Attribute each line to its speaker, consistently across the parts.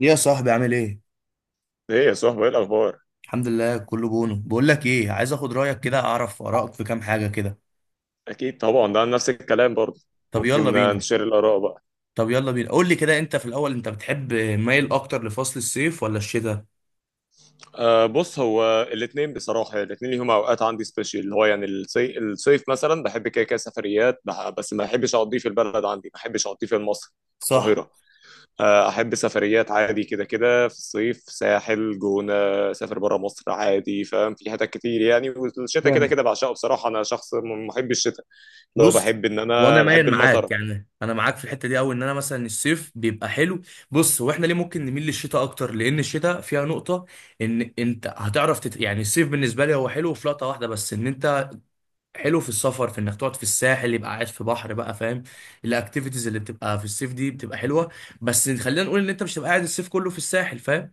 Speaker 1: ايه يا صاحبي عامل ايه؟
Speaker 2: ايه يا صاحبي، ايه الاخبار؟
Speaker 1: الحمد لله كله بونو. بقول لك ايه، عايز اخد رايك كده، اعرف ارائك في كام حاجه كده.
Speaker 2: اكيد طبعا، ده نفس الكلام برضه.
Speaker 1: طب يلا
Speaker 2: ممكن
Speaker 1: بينا.
Speaker 2: نشير الاراء بقى.
Speaker 1: طب يلا بينا، قول لي كده، انت في الاول بتحب مايل اكتر لفصل الصيف ولا الشتاء؟
Speaker 2: بص، هو الاثنين بصراحه الاثنين ليهم اوقات عندي سبيشال، اللي هو يعني الصيف مثلا بحب كده كده سفريات بس ما بحبش اقضيه في البلد، عندي ما بحبش اقضيه في مصر، في
Speaker 1: صح.
Speaker 2: القاهره. احب سفريات عادي كده كده في الصيف، ساحل، جونه، سافر بره مصر عادي، فاهم؟ في حتت كتير يعني، والشتاء كده
Speaker 1: جامد.
Speaker 2: كده بعشقه بصراحه. انا شخص محب الشتاء، اللي هو
Speaker 1: بص،
Speaker 2: بحب ان
Speaker 1: وانا
Speaker 2: انا بحب
Speaker 1: مايل
Speaker 2: المطر.
Speaker 1: معاك، يعني انا معاك في الحته دي قوي، ان انا مثلا الصيف بيبقى حلو. بص، واحنا ليه ممكن نميل للشتاء اكتر؟ لان الشتاء فيها نقطه ان انت هتعرف يعني الصيف بالنسبه لي هو حلو في لقطه واحده بس، ان انت حلو في السفر، في انك تقعد في الساحل يبقى قاعد في بحر بقى، فاهم. الاكتيفيتيز اللي بتبقى في الصيف دي بتبقى حلوه. بس خلينا نقول ان انت مش هتبقى قاعد الصيف كله في الساحل، فاهم.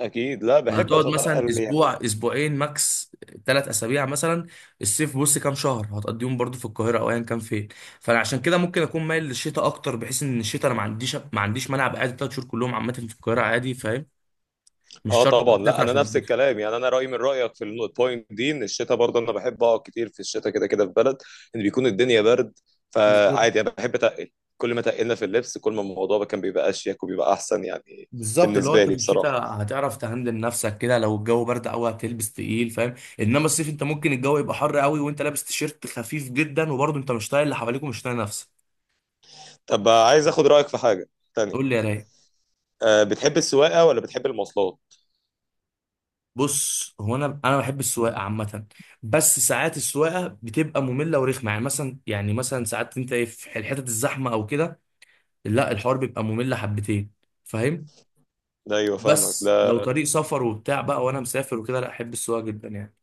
Speaker 2: اكيد، لا
Speaker 1: يعني
Speaker 2: بحب
Speaker 1: هتقعد مثلا
Speaker 2: اتنقل يعني.
Speaker 1: اسبوع، اسبوعين ماكس، ثلاث اسابيع مثلا. الصيف بص كام شهر هتقضيهم برضو في القاهره او ايا كان فين. فانا عشان كده ممكن اكون مايل للشتاء اكتر، بحيث ان الشتاء انا ما عنديش مانع ابقى قاعد ثلاث شهور كلهم عامه في القاهره عادي، فاهم. مش
Speaker 2: اه
Speaker 1: شرط أبقى
Speaker 2: طبعا، لا
Speaker 1: مسافر
Speaker 2: انا
Speaker 1: عشان
Speaker 2: نفس
Speaker 1: أتبسط.
Speaker 2: الكلام يعني، انا رايي من رايك في البوينت دي، ان الشتاء برضه انا بحب اقعد كتير في الشتاء كده كده في بلد ان بيكون الدنيا برد،
Speaker 1: بالظبط.
Speaker 2: فعادي انا بحب اتقل. كل ما تقلنا في اللبس كل ما الموضوع كان بيبقى اشيك وبيبقى احسن يعني.
Speaker 1: بالظبط، اللي هو
Speaker 2: بالنسبه
Speaker 1: انت
Speaker 2: لي
Speaker 1: في
Speaker 2: بصراحه.
Speaker 1: الشتاء هتعرف تهندل نفسك كده، لو الجو برد قوي هتلبس تقيل، فاهم. انما الصيف انت ممكن الجو يبقى حر قوي وانت لابس تيشيرت خفيف جدا، وبرضه انت مش طايق اللي حواليك ومش طايق نفسك.
Speaker 2: طب عايز اخد رايك في حاجه تانية.
Speaker 1: قول لي يا رايق.
Speaker 2: بتحب السواقه ولا بتحب المواصلات؟
Speaker 1: بص هو انا بحب السواقه عامه، بس ساعات السواقه بتبقى ممله ورخمه. يعني مثلا ساعات انت ايه في الحتت الزحمه او كده، لا الحوار بيبقى ممل حبتين، فاهم.
Speaker 2: لا، ايوه فاهمك،
Speaker 1: بس
Speaker 2: لا.
Speaker 1: لو طريق سفر وبتاع بقى، وانا مسافر وكده، لا احب السواقه جدا يعني.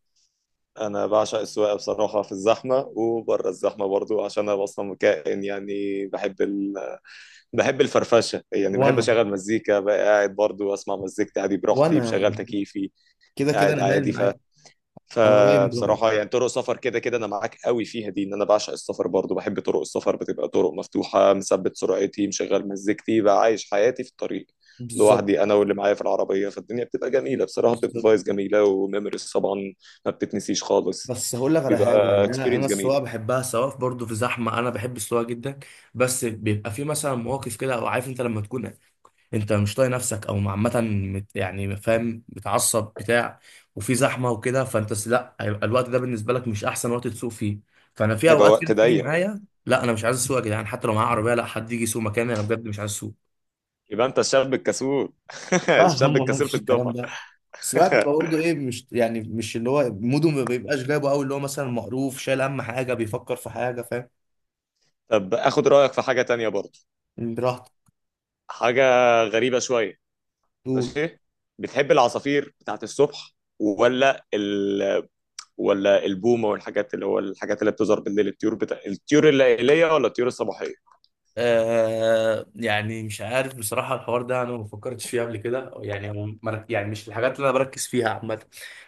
Speaker 2: انا بعشق السواقه بصراحه في الزحمه وبره الزحمه برضو، عشان انا اصلا كائن يعني بحب الفرفشه يعني، بحب
Speaker 1: وانا
Speaker 2: اشغل مزيكا بقى قاعد برضو اسمع مزيكتي عادي براحتي
Speaker 1: وانا
Speaker 2: بشغل تكييفي
Speaker 1: كده كده
Speaker 2: قاعد
Speaker 1: انا
Speaker 2: عادي
Speaker 1: مايل معاك. انا رايي من
Speaker 2: فبصراحه
Speaker 1: رايك.
Speaker 2: يعني، طرق سفر كده كده انا معاك قوي فيها دي، ان انا بعشق السفر برضو، بحب طرق السفر بتبقى طرق مفتوحه، مثبت سرعتي، مشغل مزيكتي، بقى عايش حياتي في الطريق.
Speaker 1: بالظبط.
Speaker 2: لوحدي انا واللي معايا في العربيه، فالدنيا بتبقى جميله بصراحه، بتبقى
Speaker 1: بالظبط.
Speaker 2: فايز جميله وميموريز طبعا ما بتتنسيش خالص.
Speaker 1: بس هقول لك على حاجه
Speaker 2: بيبقى
Speaker 1: يعني، انا
Speaker 2: اكسبيرينس
Speaker 1: السواقه
Speaker 2: جميله.
Speaker 1: بحبها سواء برضه في زحمه، انا بحب السواقه جدا. بس بيبقى في مثلا مواقف كده، او عارف انت لما تكون انت مش طايق نفسك او عامه، يعني فاهم، متعصب بتاع، وفي زحمه وكده، لا، هيبقى الوقت ده بالنسبه لك مش احسن وقت تسوق فيه. فانا في
Speaker 2: هيبقى
Speaker 1: اوقات كده
Speaker 2: وقت
Speaker 1: بتيجي
Speaker 2: ضيق،
Speaker 1: معايا، لا انا مش عايز اسوق يا جدعان، حتى لو معايا عربيه لا، حد يجي يسوق مكاني، انا بجد مش عايز اسوق.
Speaker 2: يبقى انت الشاب الكسول.
Speaker 1: لا يا
Speaker 2: الشاب
Speaker 1: عم، ما
Speaker 2: الكسول
Speaker 1: فيش
Speaker 2: في
Speaker 1: الكلام
Speaker 2: الدفعه.
Speaker 1: ده. بس الواحد بيبقى برضه ايه، مش يعني مش اللي هو موده ما بيبقاش جايبه قوي، اللي هو مثلا مقروف، شايل هم حاجه، بيفكر في حاجه، فاهم.
Speaker 2: طب اخد رايك في حاجه تانية برضه،
Speaker 1: براحته.
Speaker 2: حاجه غريبه شويه.
Speaker 1: طول.
Speaker 2: ماشي. بتحب العصافير بتاعت الصبح ولا ولا البومه والحاجات اللي هو الحاجات اللي بتظهر بالليل، الطيور بتاع، الطيور الليليه ولا الطيور الصباحيه؟
Speaker 1: آه يعني مش عارف بصراحة، الحوار ده أنا ما فكرتش فيه قبل كده يعني، هو يعني مش الحاجات اللي أنا بركز فيها عامة.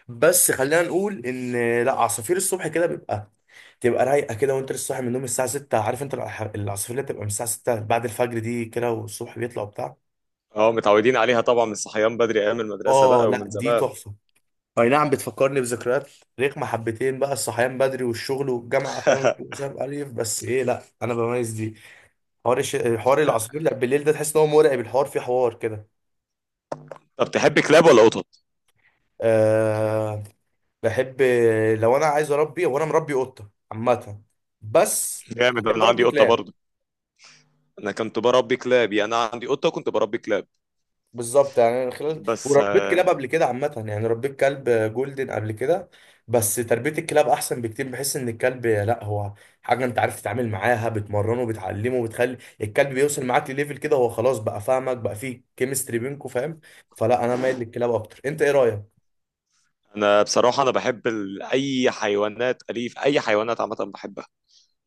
Speaker 1: بس خلينا نقول إن، لا، عصافير الصبح كده بيبقى تبقى رايقة كده وأنت لسه صاحي من النوم الساعة 6، عارف أنت العصافير اللي بتبقى من الساعة 6 بعد الفجر دي كده، والصبح بيطلع وبتاع.
Speaker 2: اه، متعودين عليها طبعا من الصحيان بدري ايام المدرسه
Speaker 1: آه
Speaker 2: بقى
Speaker 1: لا،
Speaker 2: ومن
Speaker 1: دي
Speaker 2: زمان.
Speaker 1: تحفة. اي نعم، بتفكرني بذكريات رخمة حبتين بقى، الصحيان بدري والشغل والجامعة، فاهم، وسام ألف، بس ايه لا انا بميز دي. حوار العصافير اللي بالليل ده تحس ان هو مرعب، الحوار فيه حوار كده.
Speaker 2: طب تحب كلاب ولا قطط؟
Speaker 1: أه بحب. لو انا عايز اربي، وانا مربي قطة عامة، بس
Speaker 2: جامد،
Speaker 1: احب
Speaker 2: انا عندي
Speaker 1: اربي
Speaker 2: قطه
Speaker 1: كلاب.
Speaker 2: برضه. انا كنت بربي كلاب يعني، انا عندي قطه وكنت بربي كلاب.
Speaker 1: بالظبط، يعني أنا خلال
Speaker 2: بس
Speaker 1: وربيت كلاب قبل كده عامة، يعني ربيت كلب جولدن قبل كده. بس تربية الكلاب أحسن بكتير، بحس إن الكلب لا هو حاجة أنت عارف تتعامل معاها، بتمرنه، بتعلمه، بتخلي الكلب بيوصل معاك لليفل كده هو خلاص بقى فاهمك، بقى فيه كيمستري بينكوا، فاهم. فلا أنا مايل للكلاب أكتر، أنت إيه رأيك؟
Speaker 2: انا بصراحه انا بحب اي حيوانات اليف اي حيوانات عامه بحبها،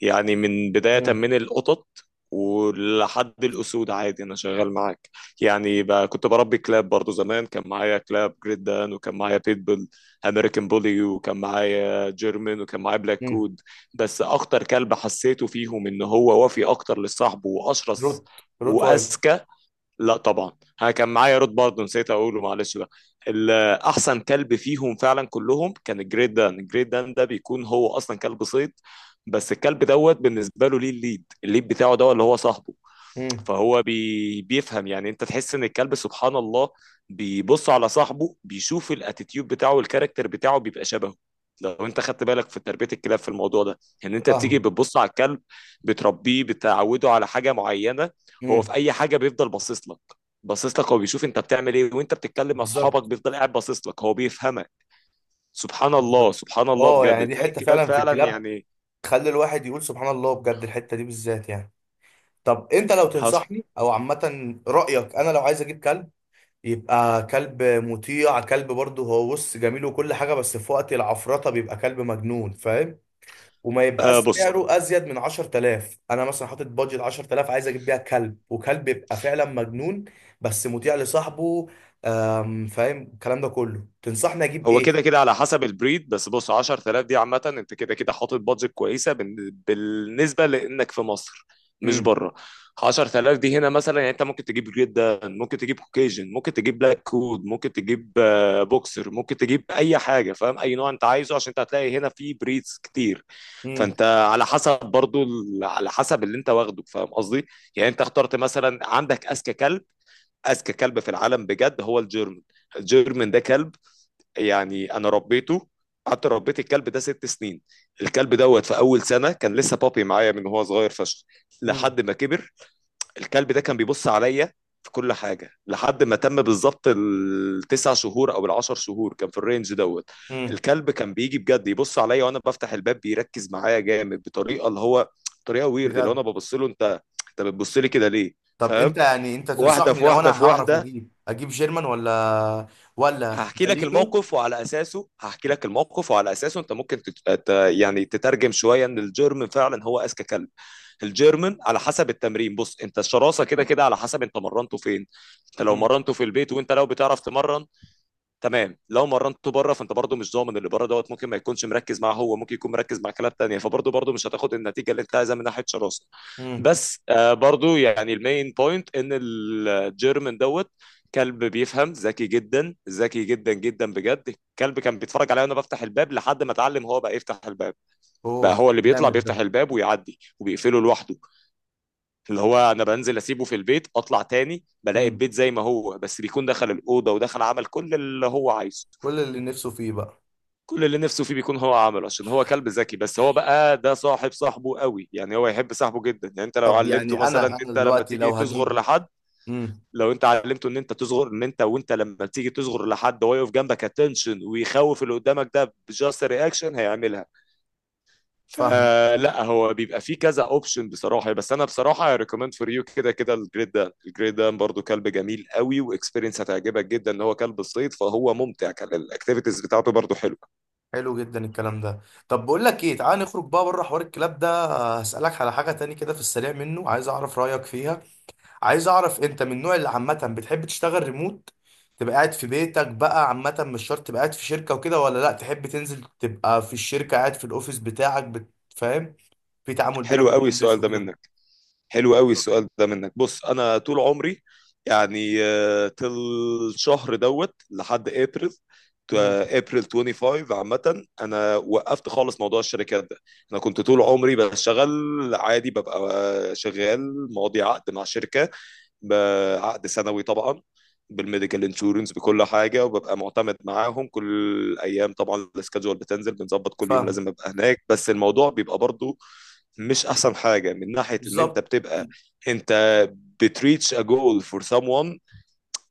Speaker 2: يعني من بداية
Speaker 1: مم.
Speaker 2: من القطط ولحد الأسود عادي، أنا شغال معاك. يعني بقى كنت بربي كلاب برضو، زمان كان معايا كلاب جريت دان، وكان معايا بيتبول أمريكان بولي، وكان معايا جيرمن، وكان معايا بلاك
Speaker 1: مم.
Speaker 2: كود. بس أخطر كلب حسيته فيهم إن هو وفي أكتر لصاحبه
Speaker 1: روت.
Speaker 2: وأشرس
Speaker 1: روت وايل.
Speaker 2: وأذكى. لا طبعا، انا كان معايا رود برضه، نسيت اقوله معلش بقى. ال- احسن كلب فيهم فعلا كلهم كان الجريت دان. الجريت دان ده بيكون هو اصلا كلب صيد، بس الكلب دوت بالنسبه له ليه الليد، الليد بتاعه ده اللي هو صاحبه.
Speaker 1: مم.
Speaker 2: فهو بيفهم، يعني انت تحس ان الكلب سبحان الله بيبص على صاحبه، بيشوف الاتيتيود بتاعه والكاركتر بتاعه بيبقى شبهه. لو انت خدت بالك في تربية الكلاب في الموضوع ده يعني، انت بتيجي
Speaker 1: فاهم.
Speaker 2: بتبص على الكلب، بتربيه، بتعوده على حاجة معينة، هو
Speaker 1: مم.
Speaker 2: في اي حاجة بيفضل باصص لك، باصص لك هو بيشوف انت بتعمل ايه. وانت بتتكلم مع اصحابك
Speaker 1: بالظبط.
Speaker 2: بيفضل قاعد باصص لك، هو بيفهمك. سبحان الله
Speaker 1: بالظبط.
Speaker 2: سبحان الله
Speaker 1: أه يعني
Speaker 2: بجد،
Speaker 1: دي
Speaker 2: تلاقي
Speaker 1: حتة
Speaker 2: الكلاب
Speaker 1: فعلا في
Speaker 2: فعلا
Speaker 1: الكلاب،
Speaker 2: يعني.
Speaker 1: تخلي الواحد يقول سبحان الله بجد، الحتة دي بالذات يعني. طب انت لو
Speaker 2: حصل.
Speaker 1: تنصحني او عامه رايك، انا لو عايز اجيب كلب، يبقى كلب مطيع، كلب برضه هو بص جميل وكل حاجه، بس في وقت العفرطه بيبقى كلب مجنون، فاهم. وما يبقاش
Speaker 2: بص،
Speaker 1: سعره ازيد من 10000، انا مثلا حاطط بادجت 10000، عايز اجيب بيها كلب، وكلب يبقى فعلا مجنون بس مطيع لصاحبه. فاهم الكلام ده كله، تنصحني اجيب
Speaker 2: هو
Speaker 1: ايه؟
Speaker 2: كده كده على حسب البريد. بس بص، 10000 دي عامة انت كده كده حاطط بادجت كويسة بالنسبة لانك في مصر مش
Speaker 1: امم.
Speaker 2: بره. 10000 دي هنا مثلا، يعني انت ممكن تجيب جدا، ممكن تجيب كوكيجن، ممكن تجيب بلاك كود، ممكن تجيب بوكسر، ممكن تجيب اي حاجة، فاهم؟ اي نوع انت عايزه عشان انت هتلاقي هنا في بريدز كتير.
Speaker 1: امم.
Speaker 2: فانت على حسب برضو على حسب اللي انت واخده، فاهم قصدي؟ يعني انت اخترت مثلا عندك اذكى كلب، اذكى كلب في العالم بجد هو الجيرمن. الجيرمن ده كلب يعني، انا ربيته، قعدت ربيت الكلب ده 6 سنين. الكلب دوت في اول سنه كان لسه بابي معايا من هو صغير فشخ لحد ما كبر. الكلب ده كان بيبص عليا في كل حاجه لحد ما تم بالظبط التسع شهور او العشر شهور، كان في الرينج دوت.
Speaker 1: امم
Speaker 2: الكلب كان بيجي بجد يبص عليا وانا بفتح الباب، بيركز معايا جامد بطريقه اللي هو طريقه ويرد اللي هو انا
Speaker 1: بجد.
Speaker 2: ببص له، انت انت بتبص لي كده ليه؟
Speaker 1: طب انت
Speaker 2: فاهم؟
Speaker 1: يعني انت
Speaker 2: واحده
Speaker 1: تنصحني
Speaker 2: في
Speaker 1: لو
Speaker 2: واحده في
Speaker 1: انا هعرف
Speaker 2: واحده،
Speaker 1: اجيب، جيرمان ولا، ولا
Speaker 2: هحكي لك
Speaker 1: بالينو.
Speaker 2: الموقف وعلى اساسه، هحكي لك الموقف وعلى اساسه انت ممكن يعني تترجم شويه ان الجيرمن فعلا هو اذكى كلب. الجيرمن على حسب التمرين، بص انت الشراسه كده كده على حسب انت مرنته فين، انت لو
Speaker 1: امم.
Speaker 2: مرنته في البيت وانت لو بتعرف تمرن، تمام. لو مرنته بره فانت برضه مش ضامن اللي بره دوت، ممكن ما يكونش مركز مع هو، ممكن يكون مركز مع كلاب تانية، فبرضه مش هتاخد النتيجه اللي انت عايزها من ناحيه شراسه.
Speaker 1: امم.
Speaker 2: بس برضه يعني المين بوينت ان الجيرمن دوت كلب بيفهم، ذكي جدا ذكي جدا جدا بجد. الكلب كان بيتفرج عليا وانا بفتح الباب لحد ما اتعلم، هو بقى يفتح الباب،
Speaker 1: اوه.
Speaker 2: بقى هو اللي بيطلع
Speaker 1: جامد ده.
Speaker 2: بيفتح الباب ويعدي وبيقفله لوحده. اللي هو انا بنزل اسيبه في البيت، اطلع تاني بلاقي
Speaker 1: امم.
Speaker 2: البيت زي ما هو، بس بيكون دخل الاوضه ودخل عمل كل اللي هو عايزه،
Speaker 1: كل اللي نفسه فيه بقى.
Speaker 2: كل اللي نفسه فيه بيكون هو عمله عشان هو كلب ذكي. بس هو بقى ده صاحب صاحبه قوي يعني، هو يحب صاحبه جدا يعني. انت لو
Speaker 1: طب
Speaker 2: علمته
Speaker 1: يعني
Speaker 2: مثلا
Speaker 1: انا
Speaker 2: انت لما
Speaker 1: دلوقتي لو
Speaker 2: تيجي تصغر
Speaker 1: هجيب.
Speaker 2: لحد،
Speaker 1: امم.
Speaker 2: لو انت علمته ان انت تصغر ان انت وانت لما تيجي تصغر لحد هو يقف جنبك اتنشن ويخوف اللي قدامك، ده بجاست رياكشن هيعملها.
Speaker 1: فاهم.
Speaker 2: فلا هو بيبقى فيه كذا اوبشن بصراحه. بس انا بصراحه اي ريكومند فور يو كده كده الجريت دان. الجريت دان برضو كلب جميل قوي واكسبيرينس هتعجبك جدا، ان هو كلب صيد، فهو ممتع، كان الاكتيفيتيز بتاعته برضو حلوه.
Speaker 1: حلو جدا الكلام ده. طب بقول لك ايه، تعال نخرج بقى بره حوار الكلاب ده. هسألك على حاجة تاني كده في السريع منه، عايز اعرف رأيك فيها. عايز اعرف انت من النوع اللي عامه بتحب تشتغل ريموت، تبقى قاعد في بيتك بقى عامه، مش شرط تبقى قاعد في شركه وكده، ولا لا تحب تنزل تبقى في الشركه، قاعد في الاوفيس بتاعك فاهم، في تعامل بينك
Speaker 2: حلو
Speaker 1: وبين
Speaker 2: قوي
Speaker 1: الناس
Speaker 2: السؤال ده
Speaker 1: وكده.
Speaker 2: منك، حلو قوي السؤال ده منك. بص انا طول عمري يعني شهر دوت لحد ابريل،
Speaker 1: امم.
Speaker 2: ابريل 25 عامة انا وقفت خالص موضوع الشركات ده. انا كنت طول عمري بشتغل عادي، ببقى شغال ماضي عقد مع شركة بعقد سنوي طبعا، بالميديكال انشورنس بكل حاجة، وببقى معتمد معاهم كل ايام طبعا، السكادجول بتنزل بنظبط كل يوم
Speaker 1: فاهم.
Speaker 2: لازم ابقى هناك. بس الموضوع بيبقى برضو مش احسن حاجه من ناحيه ان انت
Speaker 1: بالظبط.
Speaker 2: بتبقى، انت بتريتش ا جول فور سام ون،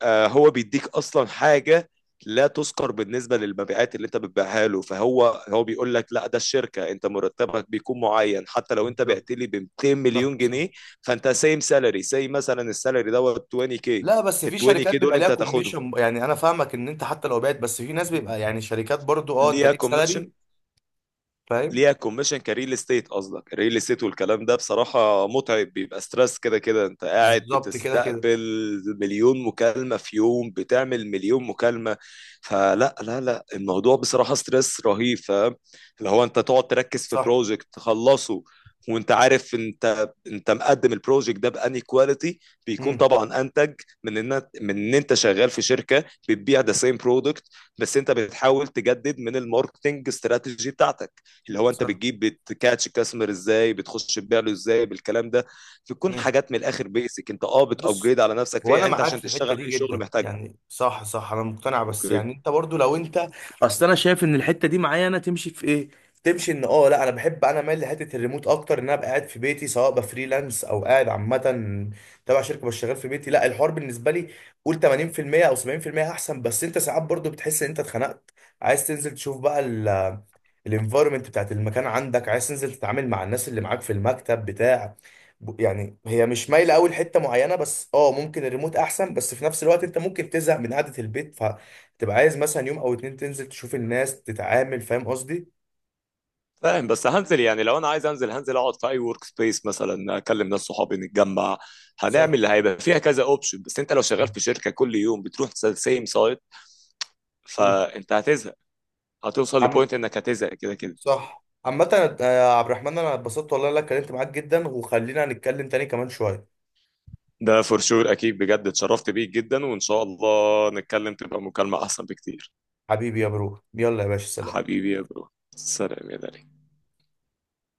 Speaker 2: هو بيديك اصلا حاجه لا تذكر بالنسبه للمبيعات اللي انت بتبيعها له. فهو بيقول لك، لا ده الشركه انت مرتبك بيكون معين حتى لو انت
Speaker 1: بالظبط.
Speaker 2: بعت لي ب 200
Speaker 1: صح.
Speaker 2: مليون
Speaker 1: صح.
Speaker 2: جنيه، فانت سيم سالري، سي مثلا السالري دوت 20 كي،
Speaker 1: لا بس
Speaker 2: ال
Speaker 1: في
Speaker 2: 20
Speaker 1: شركات
Speaker 2: كي دول
Speaker 1: بيبقى ليها
Speaker 2: انت هتاخدهم.
Speaker 1: كوميشن، يعني انا فاهمك ان انت حتى لو بعت، بس في ناس بيبقى يعني شركات برضو اه انت
Speaker 2: ليها
Speaker 1: ليك سالري.
Speaker 2: كوميشن،
Speaker 1: فاهم.
Speaker 2: ليها كوميشن كريل استيت، قصدك الريل استيت، والكلام ده بصراحة متعب، بيبقى ستريس كده كده، انت قاعد
Speaker 1: بالظبط كده كده.
Speaker 2: بتستقبل مليون مكالمة في يوم، بتعمل مليون مكالمة. فلا لا لا، الموضوع بصراحة ستريس رهيب، فاهم؟ اللي هو انت تقعد تركز في
Speaker 1: صح.
Speaker 2: بروجكت تخلصه وانت عارف، انت مقدم البروجكت ده بأني كواليتي، بيكون
Speaker 1: امم.
Speaker 2: طبعا انتج من ان انت شغال في شركة بتبيع ذا سيم برودكت، بس انت بتحاول تجدد من الماركتنج استراتيجي بتاعتك اللي هو انت
Speaker 1: صح.
Speaker 2: بتجيب، بتكاتش الكاستمر ازاي، بتخش تبيع له ازاي، بالكلام ده بتكون حاجات من الاخر، بيسك انت
Speaker 1: بص
Speaker 2: بتابجريد على نفسك
Speaker 1: هو انا
Speaker 2: فيها انت
Speaker 1: معاك
Speaker 2: عشان
Speaker 1: في الحته
Speaker 2: تشتغل
Speaker 1: دي
Speaker 2: اي شغل
Speaker 1: جدا،
Speaker 2: محتاجها.
Speaker 1: يعني صح صح، انا مقتنع. بس
Speaker 2: اوكي،
Speaker 1: يعني انت برضو لو انت، اصل انا شايف ان الحته دي معايا انا تمشي في ايه، تمشي ان اه، لا انا بحب، انا مايل لحته الريموت اكتر، ان انا ابقى قاعد في بيتي سواء بفريلانس او قاعد عامه تبع شركه بس شغال في بيتي، لا الحوار بالنسبه لي قول 80% او 70% احسن. بس انت ساعات برضو بتحس ان انت اتخنقت، عايز تنزل تشوف بقى الانفايرمنت بتاعت المكان عندك، عايز تنزل تتعامل مع الناس اللي معاك في المكتب بتاع، يعني هي مش مايله قوي لحته معينه، بس اه ممكن الريموت احسن، بس في نفس الوقت انت ممكن تزهق من قعده البيت، فتبقى عايز مثلا يوم او اتنين تنزل تشوف الناس تتعامل، فاهم قصدي.
Speaker 2: فاهم. بس هنزل يعني لو انا عايز انزل، هنزل اقعد في اي ورك سبيس مثلا اكلم ناس صحابي نتجمع
Speaker 1: صح.
Speaker 2: هنعمل، اللي هيبقى فيها كذا اوبشن. بس انت لو شغال
Speaker 1: صح.
Speaker 2: في شركه كل يوم بتروح سيم سايت،
Speaker 1: مم.
Speaker 2: فانت هتزهق، هتوصل
Speaker 1: عم.
Speaker 2: لبوينت انك هتزهق كده كده.
Speaker 1: صح عامة. يا عبد الرحمن، انا اتبسطت والله إن انا اتكلمت معاك جدا، وخلينا نتكلم تاني كمان شوية.
Speaker 2: ده فور شور اكيد بجد، اتشرفت بيك جدا وان شاء الله نتكلم تبقى مكالمه احسن بكتير.
Speaker 1: حبيبي يا برو، يلا يا باشا، سلام.
Speaker 2: حبيبي يا برو، سلام يا دلال.